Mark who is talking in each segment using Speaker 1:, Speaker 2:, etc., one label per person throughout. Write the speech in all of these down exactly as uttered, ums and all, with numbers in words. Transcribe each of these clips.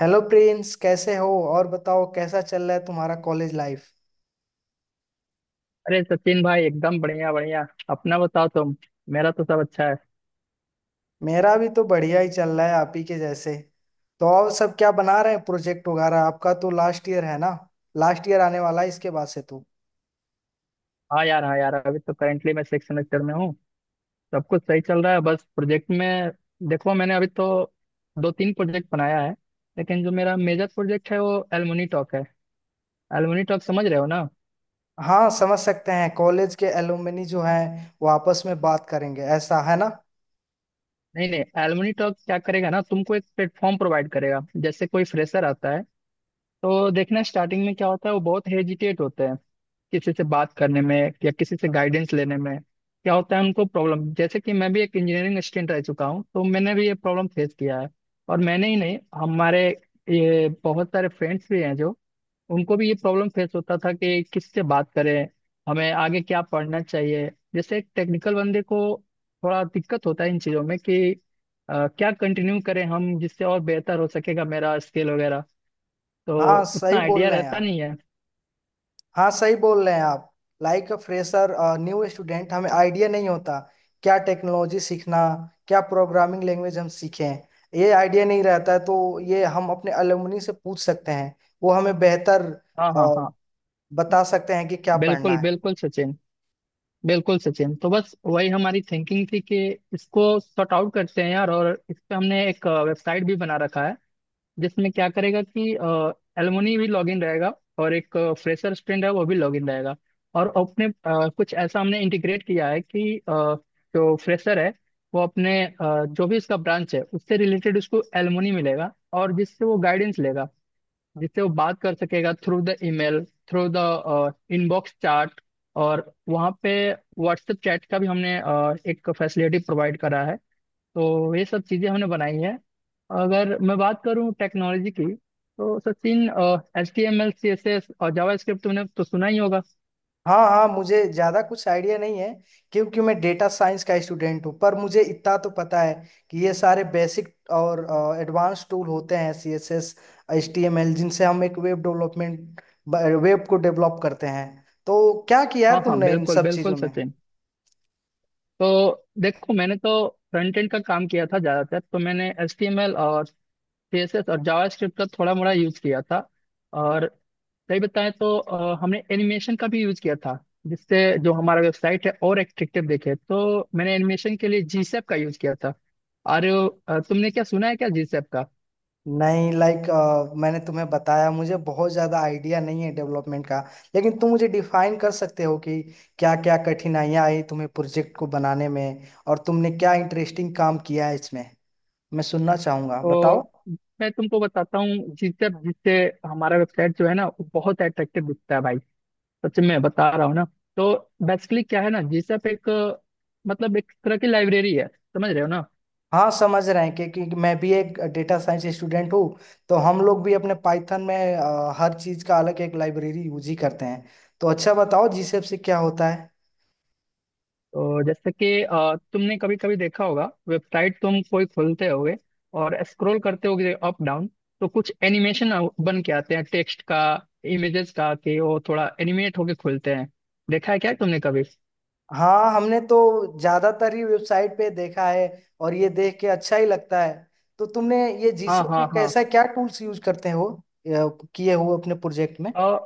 Speaker 1: Hello Prince, कैसे हो। और बताओ, कैसा चल रहा है तुम्हारा कॉलेज लाइफ।
Speaker 2: अरे सचिन भाई, एकदम बढ़िया बढ़िया। अपना बताओ तुम। मेरा तो सब अच्छा है।
Speaker 1: मेरा भी तो बढ़िया ही चल रहा है आप ही के जैसे। तो और सब क्या बना रहे हैं प्रोजेक्ट वगैरह, आपका तो लास्ट ईयर है ना। लास्ट ईयर आने वाला है इसके बाद से तो।
Speaker 2: हाँ यार, हाँ यार, अभी तो करेंटली मैं सिक्स सेमेस्टर में हूँ। सब कुछ सही चल रहा है, बस प्रोजेक्ट में देखो मैंने अभी तो दो तीन प्रोजेक्ट बनाया है। लेकिन जो मेरा मेजर प्रोजेक्ट है वो एलुमनी टॉक है। एलुमनी टॉक समझ रहे हो ना।
Speaker 1: हाँ, समझ सकते हैं, कॉलेज के एलुमनी जो हैं वो आपस में बात करेंगे, ऐसा है ना।
Speaker 2: नहीं नहीं, एलुमनी टॉक क्या करेगा ना, तुमको एक प्लेटफॉर्म प्रोवाइड करेगा। जैसे कोई फ्रेशर आता है तो देखना, स्टार्टिंग में क्या होता है, वो बहुत हेजिटेट होते हैं किसी से बात करने में या किसी से गाइडेंस लेने में। क्या होता है उनको प्रॉब्लम, जैसे कि मैं भी एक इंजीनियरिंग स्टूडेंट रह चुका हूँ, तो मैंने भी ये प्रॉब्लम फेस किया है। और मैंने ही नहीं, हमारे ये बहुत सारे फ्रेंड्स भी हैं जो, उनको भी ये प्रॉब्लम फेस होता था कि किससे बात करें, हमें आगे क्या पढ़ना चाहिए। जैसे एक टेक्निकल बंदे को थोड़ा दिक्कत होता है इन चीज़ों में कि अ, क्या कंटिन्यू करें हम जिससे और बेहतर हो सकेगा मेरा स्किल वगैरह, तो
Speaker 1: हाँ,
Speaker 2: उतना
Speaker 1: सही
Speaker 2: आइडिया
Speaker 1: बोल रहे हैं
Speaker 2: रहता
Speaker 1: आप।
Speaker 2: नहीं है।
Speaker 1: हाँ, सही बोल रहे हैं आप। Like a fresher, new student, हमें आइडिया नहीं होता, क्या टेक्नोलॉजी सीखना, क्या प्रोग्रामिंग लैंग्वेज हम सीखें। ये आइडिया नहीं रहता है तो ये हम अपने अलुमनी से पूछ सकते हैं। वो हमें बेहतर
Speaker 2: हाँ
Speaker 1: अ,
Speaker 2: हाँ हाँ,
Speaker 1: बता सकते हैं कि क्या पढ़ना
Speaker 2: बिल्कुल
Speaker 1: है।
Speaker 2: बिल्कुल सचिन। बिल्कुल सचिन, तो बस वही हमारी थिंकिंग थी कि इसको सॉर्ट आउट करते हैं यार। और इस पे हमने एक वेबसाइट भी बना रखा है, जिसमें क्या करेगा कि एलुमनी भी लॉगिन रहेगा और एक फ्रेशर स्टूडेंट है वो भी लॉगिन रहेगा। और अपने अ, कुछ ऐसा हमने इंटीग्रेट किया है कि अ, जो फ्रेशर है, वो अपने अ, जो भी इसका ब्रांच है उससे रिलेटेड उसको एलुमनी मिलेगा और जिससे वो गाइडेंस लेगा, जिससे वो बात कर सकेगा through the email, through the inbox chat. और वहाँ पे व्हाट्सएप चैट का भी हमने अ, एक फैसिलिटी प्रोवाइड करा है। तो ये सब चीज़ें हमने बनाई है। अगर मैं बात करूँ टेक्नोलॉजी की, तो Sachin, H T M L, C S S और जावा स्क्रिप्ट तुमने तो सुना ही होगा।
Speaker 1: हाँ हाँ, मुझे ज़्यादा कुछ आइडिया नहीं है, क्योंकि मैं डेटा साइंस का स्टूडेंट हूँ, पर मुझे इतना तो पता है कि ये सारे बेसिक और एडवांस टूल होते हैं C S S, H T M L, जिनसे हम एक वेब डेवलपमेंट, वेब को डेवलप करते हैं। तो क्या किया
Speaker 2: हाँ
Speaker 1: है
Speaker 2: हाँ,
Speaker 1: तुमने इन
Speaker 2: बिल्कुल
Speaker 1: सब
Speaker 2: बिल्कुल
Speaker 1: चीज़ों में।
Speaker 2: सचिन। तो देखो, मैंने तो फ्रंट एंड का काम किया था ज़्यादातर, तो मैंने एच टी एम एल और सीएसएस और जावास्क्रिप्ट का थोड़ा मोड़ा यूज किया था। और सही बताएं तो अ, हमने एनिमेशन का भी यूज किया था, जिससे जो हमारा वेबसाइट है और एट्रैक्टिव दिखे। तो मैंने एनिमेशन के लिए जीसैप का यूज किया था। अरे, अ, तुमने क्या सुना है क्या जीसैप का?
Speaker 1: नहीं, लाइक मैंने तुम्हें बताया, मुझे बहुत ज़्यादा आइडिया नहीं है डेवलपमेंट का, लेकिन तुम मुझे डिफाइन कर सकते हो कि क्या क्या कठिनाइयाँ आई तुम्हें प्रोजेक्ट को बनाने में, और तुमने क्या इंटरेस्टिंग काम किया है इसमें। मैं सुनना चाहूंगा, बताओ।
Speaker 2: तो मैं तुमको बताता हूँ, जीसैप जिससे हमारा वेबसाइट जो है ना, वो बहुत एट्रैक्टिव दिखता है भाई, सच में बता रहा हूँ ना। तो बेसिकली क्या है ना, जीसैप एक अ, मतलब एक तरह की लाइब्रेरी है, समझ रहे हो ना।
Speaker 1: हाँ, समझ रहे हैं कि, कि मैं भी एक डेटा साइंस स्टूडेंट हूँ, तो हम लोग भी अपने पाइथन में अ, हर चीज का अलग एक लाइब्रेरी यूज ही करते हैं। तो अच्छा, बताओ जीसेप से क्या होता है।
Speaker 2: तो जैसे कि अ, तुमने कभी कभी देखा होगा, वेबसाइट तुम कोई खोलते होगे और स्क्रॉल करते होगे अप डाउन, तो कुछ एनिमेशन बन के आते हैं, टेक्स्ट का, इमेजेस का, कि वो थोड़ा एनिमेट होके खुलते हैं। देखा है क्या तुमने कभी?
Speaker 1: हाँ, हमने तो ज्यादातर ही वेबसाइट पे देखा है और ये देख के अच्छा ही लगता है। तो तुमने ये
Speaker 2: हाँ
Speaker 1: जीसेप में कैसा
Speaker 2: हाँ
Speaker 1: क्या टूल्स यूज करते हो, अ, किए हो अपने प्रोजेक्ट में।
Speaker 2: हाँ।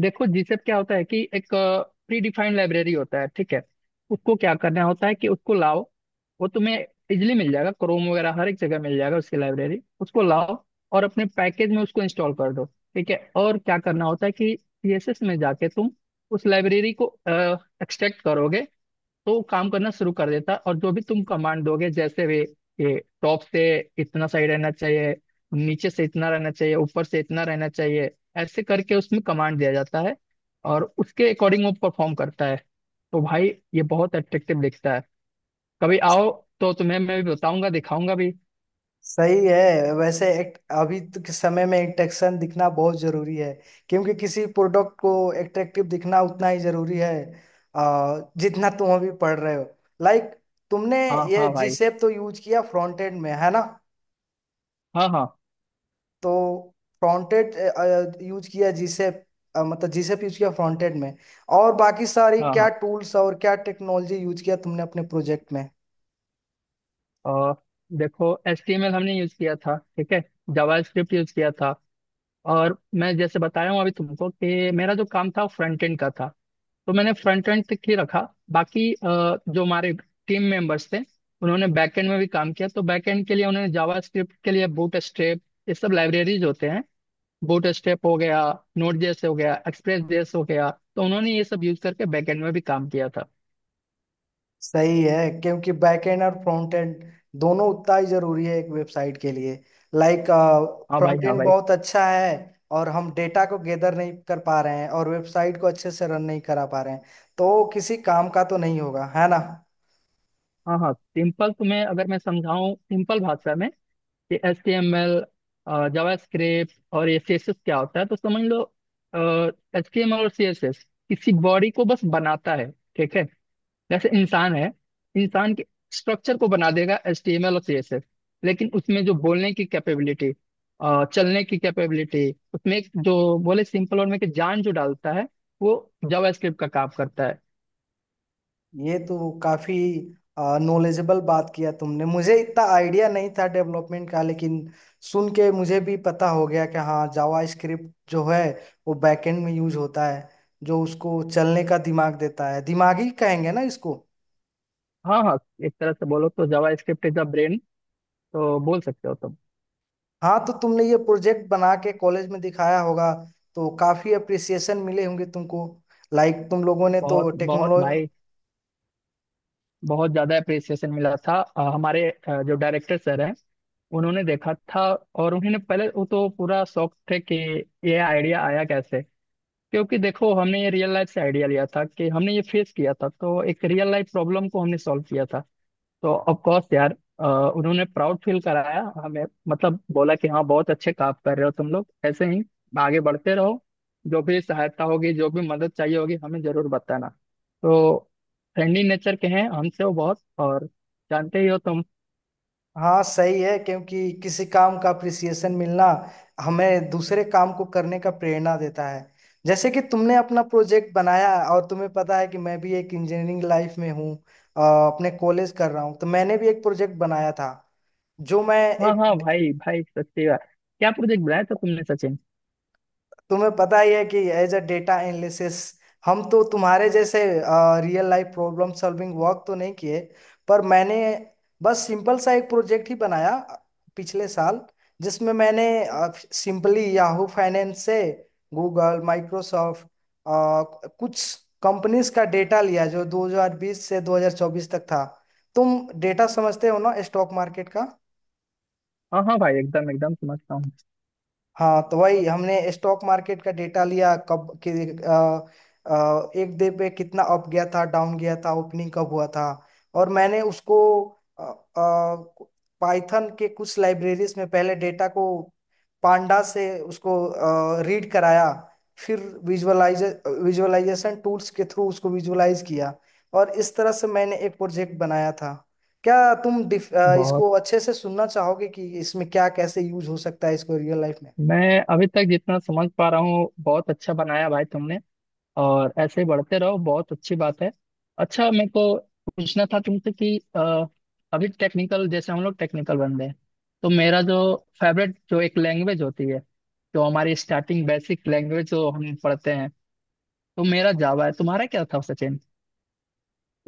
Speaker 2: देखो जीसेप क्या होता है, कि एक प्री डिफाइंड लाइब्रेरी होता है, ठीक है। उसको क्या करना होता है कि उसको लाओ, वो तुम्हें इजिली मिल जाएगा, क्रोम वगैरह हर एक जगह मिल जाएगा उसकी लाइब्रेरी, उसको लाओ और अपने पैकेज में उसको इंस्टॉल कर दो। ठीक है, और क्या करना होता है कि सीएसएस में जाके तुम उस लाइब्रेरी को एक्सट्रैक्ट करोगे, तो वो काम करना शुरू कर देता है। और जो भी तुम कमांड दोगे, जैसे भी, ये टॉप से इतना सही रहना चाहिए, नीचे से इतना रहना चाहिए, ऊपर से इतना रहना चाहिए, ऐसे करके उसमें कमांड दिया जाता है, और उसके अकॉर्डिंग वो परफॉर्म करता है। तो भाई, ये बहुत अट्रैक्टिव दिखता है। कभी आओ तो तुम्हें मैं भी बताऊंगा, दिखाऊंगा भी।
Speaker 1: सही है, वैसे एक अभी तो के समय में इंटेक्शन दिखना बहुत जरूरी है, क्योंकि किसी प्रोडक्ट को एट्रैक्टिव दिखना उतना ही जरूरी है, आ, जितना तुम अभी पढ़ रहे हो। लाइक, तुमने
Speaker 2: हाँ
Speaker 1: ये
Speaker 2: हाँ
Speaker 1: जी
Speaker 2: भाई,
Speaker 1: शेप तो यूज किया फ्रंट एंड में, है ना।
Speaker 2: हाँ हाँ
Speaker 1: तो फ्रंट एंड यूज किया जी शेप, मतलब जी शेप यूज किया फ्रंट एंड में। और बाकी सारी
Speaker 2: हाँ
Speaker 1: क्या
Speaker 2: हाँ।
Speaker 1: टूल्स और क्या टेक्नोलॉजी यूज किया तुमने अपने प्रोजेक्ट में।
Speaker 2: और देखो, एच टी एम एल हमने यूज किया था, ठीक है, जावा स्क्रिप्ट यूज किया था। और मैं जैसे बताया हूँ अभी तुमको, कि मेरा जो काम था फ्रंट एंड का था, तो मैंने फ्रंट एंड तक ही रखा। बाकी अ, जो हमारे टीम मेंबर्स थे, उन्होंने बैक एंड में भी काम किया। तो बैक एंड के लिए उन्होंने जावास्क्रिप्ट के लिए बूट स्ट्रैप, ये सब लाइब्रेरीज होते हैं, बूट स्ट्रैप हो गया, नोड जेएस हो गया, एक्सप्रेस जेएस हो गया, तो उन्होंने ये सब यूज करके बैक एंड में भी काम किया था।
Speaker 1: सही है, क्योंकि बैकएंड और फ्रंट एंड दोनों उतना ही जरूरी है एक वेबसाइट के लिए। लाइक,
Speaker 2: हाँ भाई
Speaker 1: फ्रंट
Speaker 2: हाँ
Speaker 1: एंड
Speaker 2: भाई।
Speaker 1: बहुत अच्छा है और हम डेटा को गैदर नहीं कर पा रहे हैं और वेबसाइट को अच्छे से रन नहीं करा पा रहे हैं, तो किसी काम का तो नहीं होगा, है ना।
Speaker 2: हाँ हाँ, सिंपल तुम्हें अगर मैं समझाऊँ सिंपल भाषा में कि H T M L, JavaScript और ये सी एस एस क्या होता है, तो समझ लो, एच टी एम एल और सी एस एस किसी बॉडी को बस बनाता है, ठीक है। जैसे इंसान है, इंसान के स्ट्रक्चर को बना देगा एचटीएमएल और सीएसएस। लेकिन उसमें जो बोलने की कैपेबिलिटी, चलने की कैपेबिलिटी, उसमें एक जो बोले सिंपल और में कि जान जो डालता है, वो जावास्क्रिप्ट का काम करता है।
Speaker 1: ये तो काफी नॉलेजेबल बात किया तुमने, मुझे इतना आइडिया नहीं था डेवलपमेंट का, लेकिन सुन के मुझे भी पता हो गया कि हाँ जावा स्क्रिप्ट जो है, वो बैकएंड में यूज होता है, जो उसको चलने का दिमाग देता है, दिमागी कहेंगे ना इसको।
Speaker 2: हाँ हाँ, एक तरह से बोलो तो जावास्क्रिप्ट इज द ब्रेन, तो बोल सकते हो तुम।
Speaker 1: हाँ, तो तुमने ये प्रोजेक्ट बना के कॉलेज में दिखाया होगा, तो काफी अप्रिसिएशन मिले होंगे तुमको। लाइक, तुम लोगों ने तो
Speaker 2: बहुत बहुत
Speaker 1: टेक्नोलॉजी।
Speaker 2: भाई, बहुत ज्यादा अप्रिसिएशन मिला था। अ, हमारे अ, जो डायरेक्टर सर हैं, उन्होंने देखा था। और उन्होंने पहले वो तो पूरा शौक थे कि ये आइडिया आया कैसे। क्योंकि देखो, हमने ये रियल लाइफ से आइडिया लिया था, कि हमने ये फेस किया था, तो एक रियल लाइफ प्रॉब्लम को हमने सॉल्व किया था। तो ऑफ कोर्स यार, अ, उन्होंने प्राउड फील कराया हमें, मतलब बोला कि हाँ, बहुत अच्छे काम कर रहे हो तुम लोग, ऐसे ही आगे बढ़ते रहो। जो भी सहायता होगी, जो भी मदद चाहिए होगी, हमें जरूर बताना। तो फ्रेंडली नेचर के हैं हमसे वो बहुत, और जानते ही हो तुम।
Speaker 1: हाँ सही है, क्योंकि किसी काम का अप्रिसिएशन मिलना हमें दूसरे काम को करने का प्रेरणा देता है। जैसे कि तुमने अपना प्रोजेक्ट बनाया, और तुम्हें पता है कि मैं भी एक इंजीनियरिंग लाइफ में हूँ, अ, अपने कॉलेज कर रहा हूँ, तो मैंने भी एक प्रोजेक्ट बनाया था, जो मैं
Speaker 2: हाँ
Speaker 1: एक
Speaker 2: हाँ भाई भाई, सच्ची बात। क्या प्रोजेक्ट बनाया था तुमने सचिन?
Speaker 1: तुम्हें पता ही है कि एज अ डेटा एनालिसिस, हम तो तुम्हारे जैसे real life problem solving work तो नहीं किए, पर मैंने बस सिंपल सा एक प्रोजेक्ट ही बनाया अ, पिछले साल, जिसमें मैंने सिंपली याहू फाइनेंस से गूगल माइक्रोसॉफ्ट कुछ कंपनीज का डेटा लिया जो दो हज़ार बीस से दो हज़ार चौबीस तक था। तुम डेटा समझते हो ना स्टॉक मार्केट का।
Speaker 2: हाँ हाँ भाई, एकदम एकदम समझता हूँ।
Speaker 1: हाँ, तो वही हमने स्टॉक मार्केट का डेटा लिया कब कि, अ, अ, एक डे पे कितना अप गया था, डाउन गया था, ओपनिंग कब हुआ था। और मैंने उसको पाइथन के कुछ लाइब्रेरीज में पहले डेटा को पांडा से उसको रीड कराया, फिर विजुअलाइज विजुअलाइजेशन टूल्स के थ्रू उसको विजुअलाइज किया, और इस तरह से मैंने एक प्रोजेक्ट बनाया था। क्या तुम डिफ- अ,
Speaker 2: बहुत,
Speaker 1: इसको अच्छे से सुनना चाहोगे कि इसमें क्या कैसे यूज हो सकता है इसको रियल लाइफ में।
Speaker 2: मैं अभी तक जितना समझ पा रहा हूँ, बहुत अच्छा बनाया भाई तुमने, और ऐसे ही बढ़ते रहो, बहुत अच्छी बात है। अच्छा, मेरे को पूछना था तुमसे कि अ, अभी टेक्निकल, जैसे हम लोग टेक्निकल बंदे हैं, तो मेरा जो फेवरेट जो एक लैंग्वेज होती है, जो हमारी स्टार्टिंग बेसिक लैंग्वेज जो हम पढ़ते हैं, तो मेरा जावा है, तुम्हारा क्या था सचिन?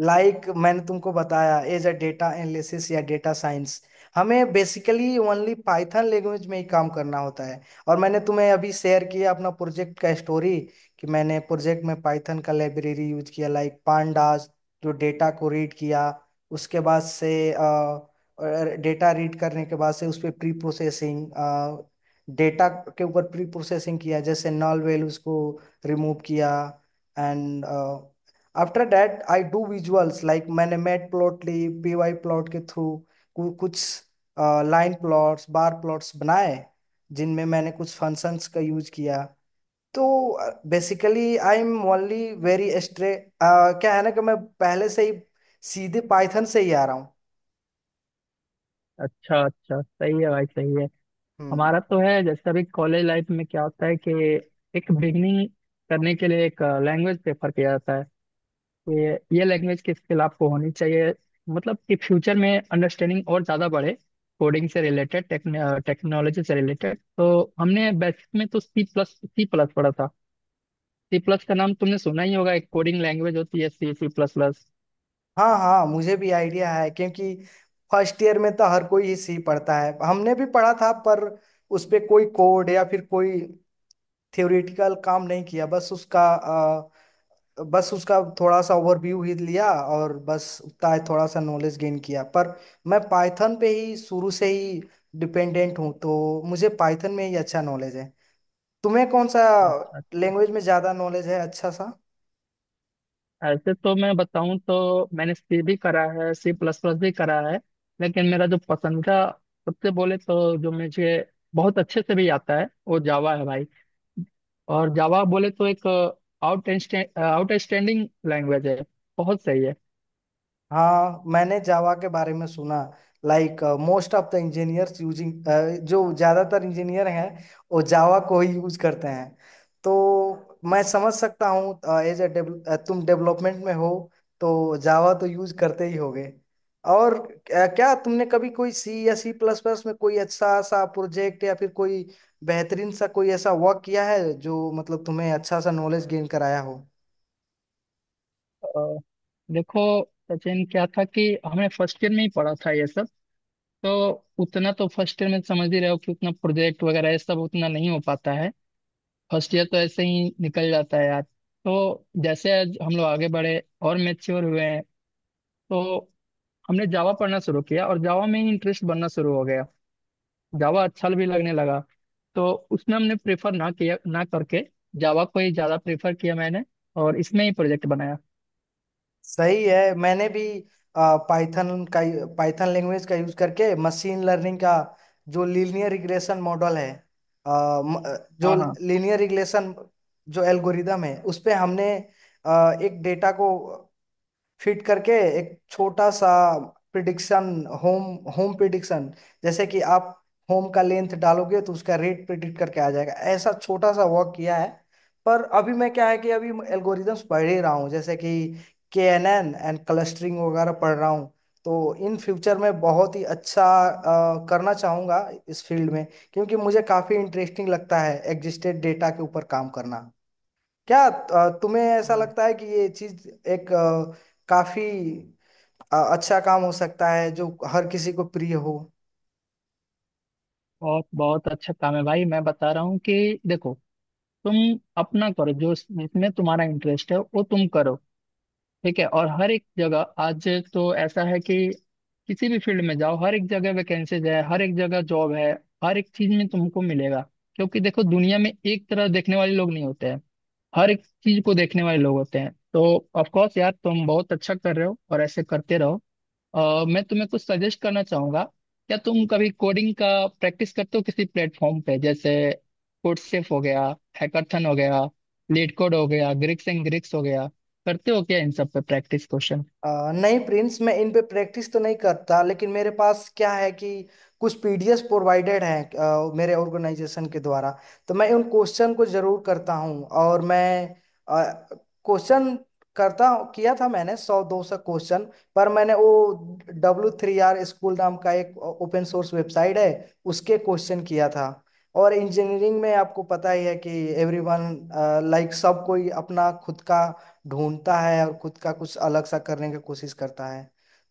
Speaker 1: लाइक like मैंने तुमको बताया, एज अ डेटा एनालिसिस या डेटा साइंस, हमें बेसिकली ओनली पाइथन लैंग्वेज में ही काम करना होता है। और मैंने तुम्हें अभी शेयर किया अपना प्रोजेक्ट का स्टोरी, कि मैंने प्रोजेक्ट में पाइथन का लाइब्रेरी यूज किया लाइक पांडास, जो डेटा को रीड किया। उसके बाद से डेटा रीड करने के बाद से उस पर प्री प्रोसेसिंग, डेटा के ऊपर प्री प्रोसेसिंग किया, जैसे नल वेल उसको रिमूव किया। And after that I do visuals, like मैंने matplotlib PY plot के थ्रू कुछ लाइन प्लॉट्स, बार प्लॉट्स बनाए, जिनमें मैंने कुछ फंक्शंस का यूज किया। तो basically I am only very स्ट्रे, क्या है ना कि मैं पहले से ही सीधे पाइथन से ही आ रहा हूँ।
Speaker 2: अच्छा अच्छा, सही है भाई, सही है। हमारा
Speaker 1: हम्म।
Speaker 2: तो है, जैसे अभी कॉलेज लाइफ में क्या होता है कि एक बिगनिंग करने के लिए एक लैंग्वेज प्रेफर किया जाता है। ये ये लैंग्वेज की स्किल आपको होनी चाहिए, मतलब कि फ्यूचर में अंडरस्टैंडिंग और ज़्यादा बढ़े, कोडिंग से रिलेटेड, टेक्नोलॉजी से रिलेटेड। तो हमने बेसिक में तो सी प्लस सी प्लस पढ़ा था। सी प्लस का नाम तुमने सुना ही होगा, एक कोडिंग लैंग्वेज होती है, सी, सी प्लस प्लस।
Speaker 1: हाँ हाँ, मुझे भी आइडिया है, क्योंकि फर्स्ट ईयर में तो हर कोई ही सी पढ़ता है, हमने भी पढ़ा था, पर उस पे कोई कोड या फिर कोई थ्योरेटिकल काम नहीं किया, बस उसका अ, बस उसका थोड़ा सा ओवरव्यू ही लिया और बस उतना ही थोड़ा सा नॉलेज गेन किया, पर मैं पाइथन पे ही शुरू से ही डिपेंडेंट हूँ, तो मुझे पाइथन में ही अच्छा नॉलेज है। तुम्हें कौन सा
Speaker 2: अच्छा अच्छा,
Speaker 1: लैंग्वेज में ज़्यादा नॉलेज है अच्छा सा।
Speaker 2: ऐसे तो मैं बताऊं तो मैंने सी भी करा है, सी प्लस प्लस भी करा है, लेकिन मेरा जो पसंदीदा, सबसे बोले तो, जो मुझे बहुत अच्छे से भी आता है, वो जावा है भाई। और जावा बोले तो एक आउट आउटस्टैंडिंग लैंग्वेज है, बहुत सही है।
Speaker 1: हाँ, मैंने जावा के बारे में सुना, like most of the engineers using, जो ज़्यादातर इंजीनियर हैं वो जावा को ही यूज करते हैं। तो मैं समझ सकता हूँ एज ए, तुम डेवलपमेंट में हो, तो जावा तो यूज करते ही होगे। और अ, क्या तुमने कभी कोई सी या सी प्लस प्लस में कोई अच्छा सा प्रोजेक्ट या फिर कोई बेहतरीन सा कोई ऐसा वर्क किया है, जो मतलब तुम्हें अच्छा सा नॉलेज गेन कराया हो।
Speaker 2: अ, देखो सचिन, क्या था कि हमने फर्स्ट ईयर में ही पढ़ा था ये सब, तो उतना तो, फर्स्ट ईयर में समझ ही रहे हो कि उतना प्रोजेक्ट वगैरह ये सब उतना नहीं हो पाता है, फर्स्ट ईयर तो ऐसे ही निकल जाता है यार। तो जैसे आज हम लोग आगे बढ़े और मेच्योर हुए हैं, तो हमने जावा पढ़ना शुरू किया, और जावा में ही इंटरेस्ट बनना शुरू हो गया, जावा अच्छा भी लगने लगा। तो उसमें हमने प्रेफर ना किया ना करके जावा को ही ज़्यादा प्रेफर किया मैंने, और इसमें ही प्रोजेक्ट बनाया।
Speaker 1: सही है, मैंने भी पाइथन का पाइथन लैंग्वेज का यूज करके मशीन लर्निंग का जो लीनियर रिग्रेशन मॉडल है, अ, म- अ, जो
Speaker 2: हाँ हाँ
Speaker 1: लीनियर रिग्रेशन, जो एल्गोरिदम है उस पे हमने अ, एक डेटा को फिट करके एक छोटा सा प्रिडिक्शन, होम होम प्रिडिक्शन, जैसे कि आप होम का लेंथ डालोगे तो उसका रेट प्रिडिक्ट करके आ जाएगा, ऐसा छोटा सा वर्क किया है। पर अभी मैं क्या है कि अभी एल्गोरिदम्स पढ़ ही रहा हूँ, जैसे कि K N N and clustering वगैरह पढ़ रहा हूँ। तो इन फ्यूचर में बहुत ही अच्छा अ, करना चाहूँगा इस फील्ड में, क्योंकि मुझे काफ़ी इंटरेस्टिंग लगता है एग्जिस्टेड डेटा के ऊपर काम करना। क्या अ, तुम्हें ऐसा
Speaker 2: हाँ,
Speaker 1: लगता है कि ये चीज एक अ, काफी अ, अच्छा काम हो सकता है, जो हर किसी को प्रिय हो।
Speaker 2: बहुत बहुत अच्छा काम है भाई, मैं बता रहा हूँ कि देखो, तुम अपना करो, जो इसमें तुम्हारा इंटरेस्ट है वो तुम करो, ठीक है। और हर एक जगह आज तो ऐसा है कि किसी भी फील्ड में जाओ, हर एक जगह वैकेंसीज है, हर एक जगह जॉब है, हर एक चीज में तुमको मिलेगा। क्योंकि देखो, दुनिया में एक तरह देखने वाले लोग नहीं होते हैं, हर एक चीज को देखने वाले लोग होते हैं। तो ऑफ कोर्स यार, तुम बहुत अच्छा कर रहे हो, और ऐसे करते रहो। अ, मैं तुम्हें कुछ सजेस्ट करना चाहूंगा। क्या तुम कभी कोडिंग का प्रैक्टिस करते हो किसी प्लेटफॉर्म पे, जैसे कोडसेफ हो गया, हैकाथन हो गया, लीड कोड हो गया, ग्रिक्स एंड ग्रिक्स हो गया, करते हो क्या इन सब पे प्रैक्टिस क्वेश्चन?
Speaker 1: अ, नहीं प्रिंस, मैं इन पे प्रैक्टिस तो नहीं करता, लेकिन मेरे पास क्या है कि कुछ पीडीएफ प्रोवाइडेड हैं अ, मेरे ऑर्गेनाइजेशन के द्वारा, तो मैं उन क्वेश्चन को जरूर करता हूँ और मैं क्वेश्चन करता हूं- किया था मैंने सौ दो सौ क्वेश्चन। पर मैंने वो डब्ल्यू थ्री आर स्कूल नाम का एक ओपन सोर्स वेबसाइट है, उसके क्वेश्चन किया था। और इंजीनियरिंग में आपको पता ही है कि एवरीवन, लाइक, सब कोई अपना खुद का ढूंढता है और खुद का कुछ अलग सा करने की कोशिश करता है।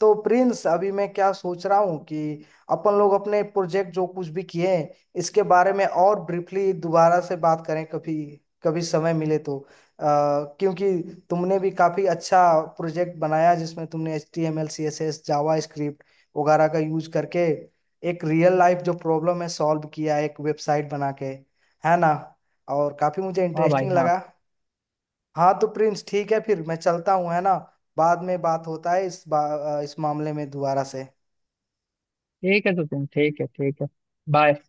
Speaker 1: तो प्रिंस, अभी मैं क्या सोच रहा हूँ कि अपन लोग अपने प्रोजेक्ट जो कुछ भी किए हैं इसके बारे में और ब्रीफली दोबारा से बात करें, कभी कभी समय मिले तो, अ, क्योंकि तुमने भी काफी अच्छा प्रोजेक्ट बनाया जिसमें तुमने H T M L, C S S, JavaScript वगैरह का यूज करके एक रियल लाइफ जो प्रॉब्लम है सॉल्व किया एक वेबसाइट बना के, है ना, और काफी मुझे
Speaker 2: हाँ भाई
Speaker 1: इंटरेस्टिंग
Speaker 2: हाँ।
Speaker 1: लगा। हाँ तो प्रिंस, ठीक है, फिर मैं चलता हूँ, है ना। बाद में बात होता है इस बा, इस मामले में दोबारा से।
Speaker 2: ठीक है तो तुम, ठीक है ठीक है, बाय।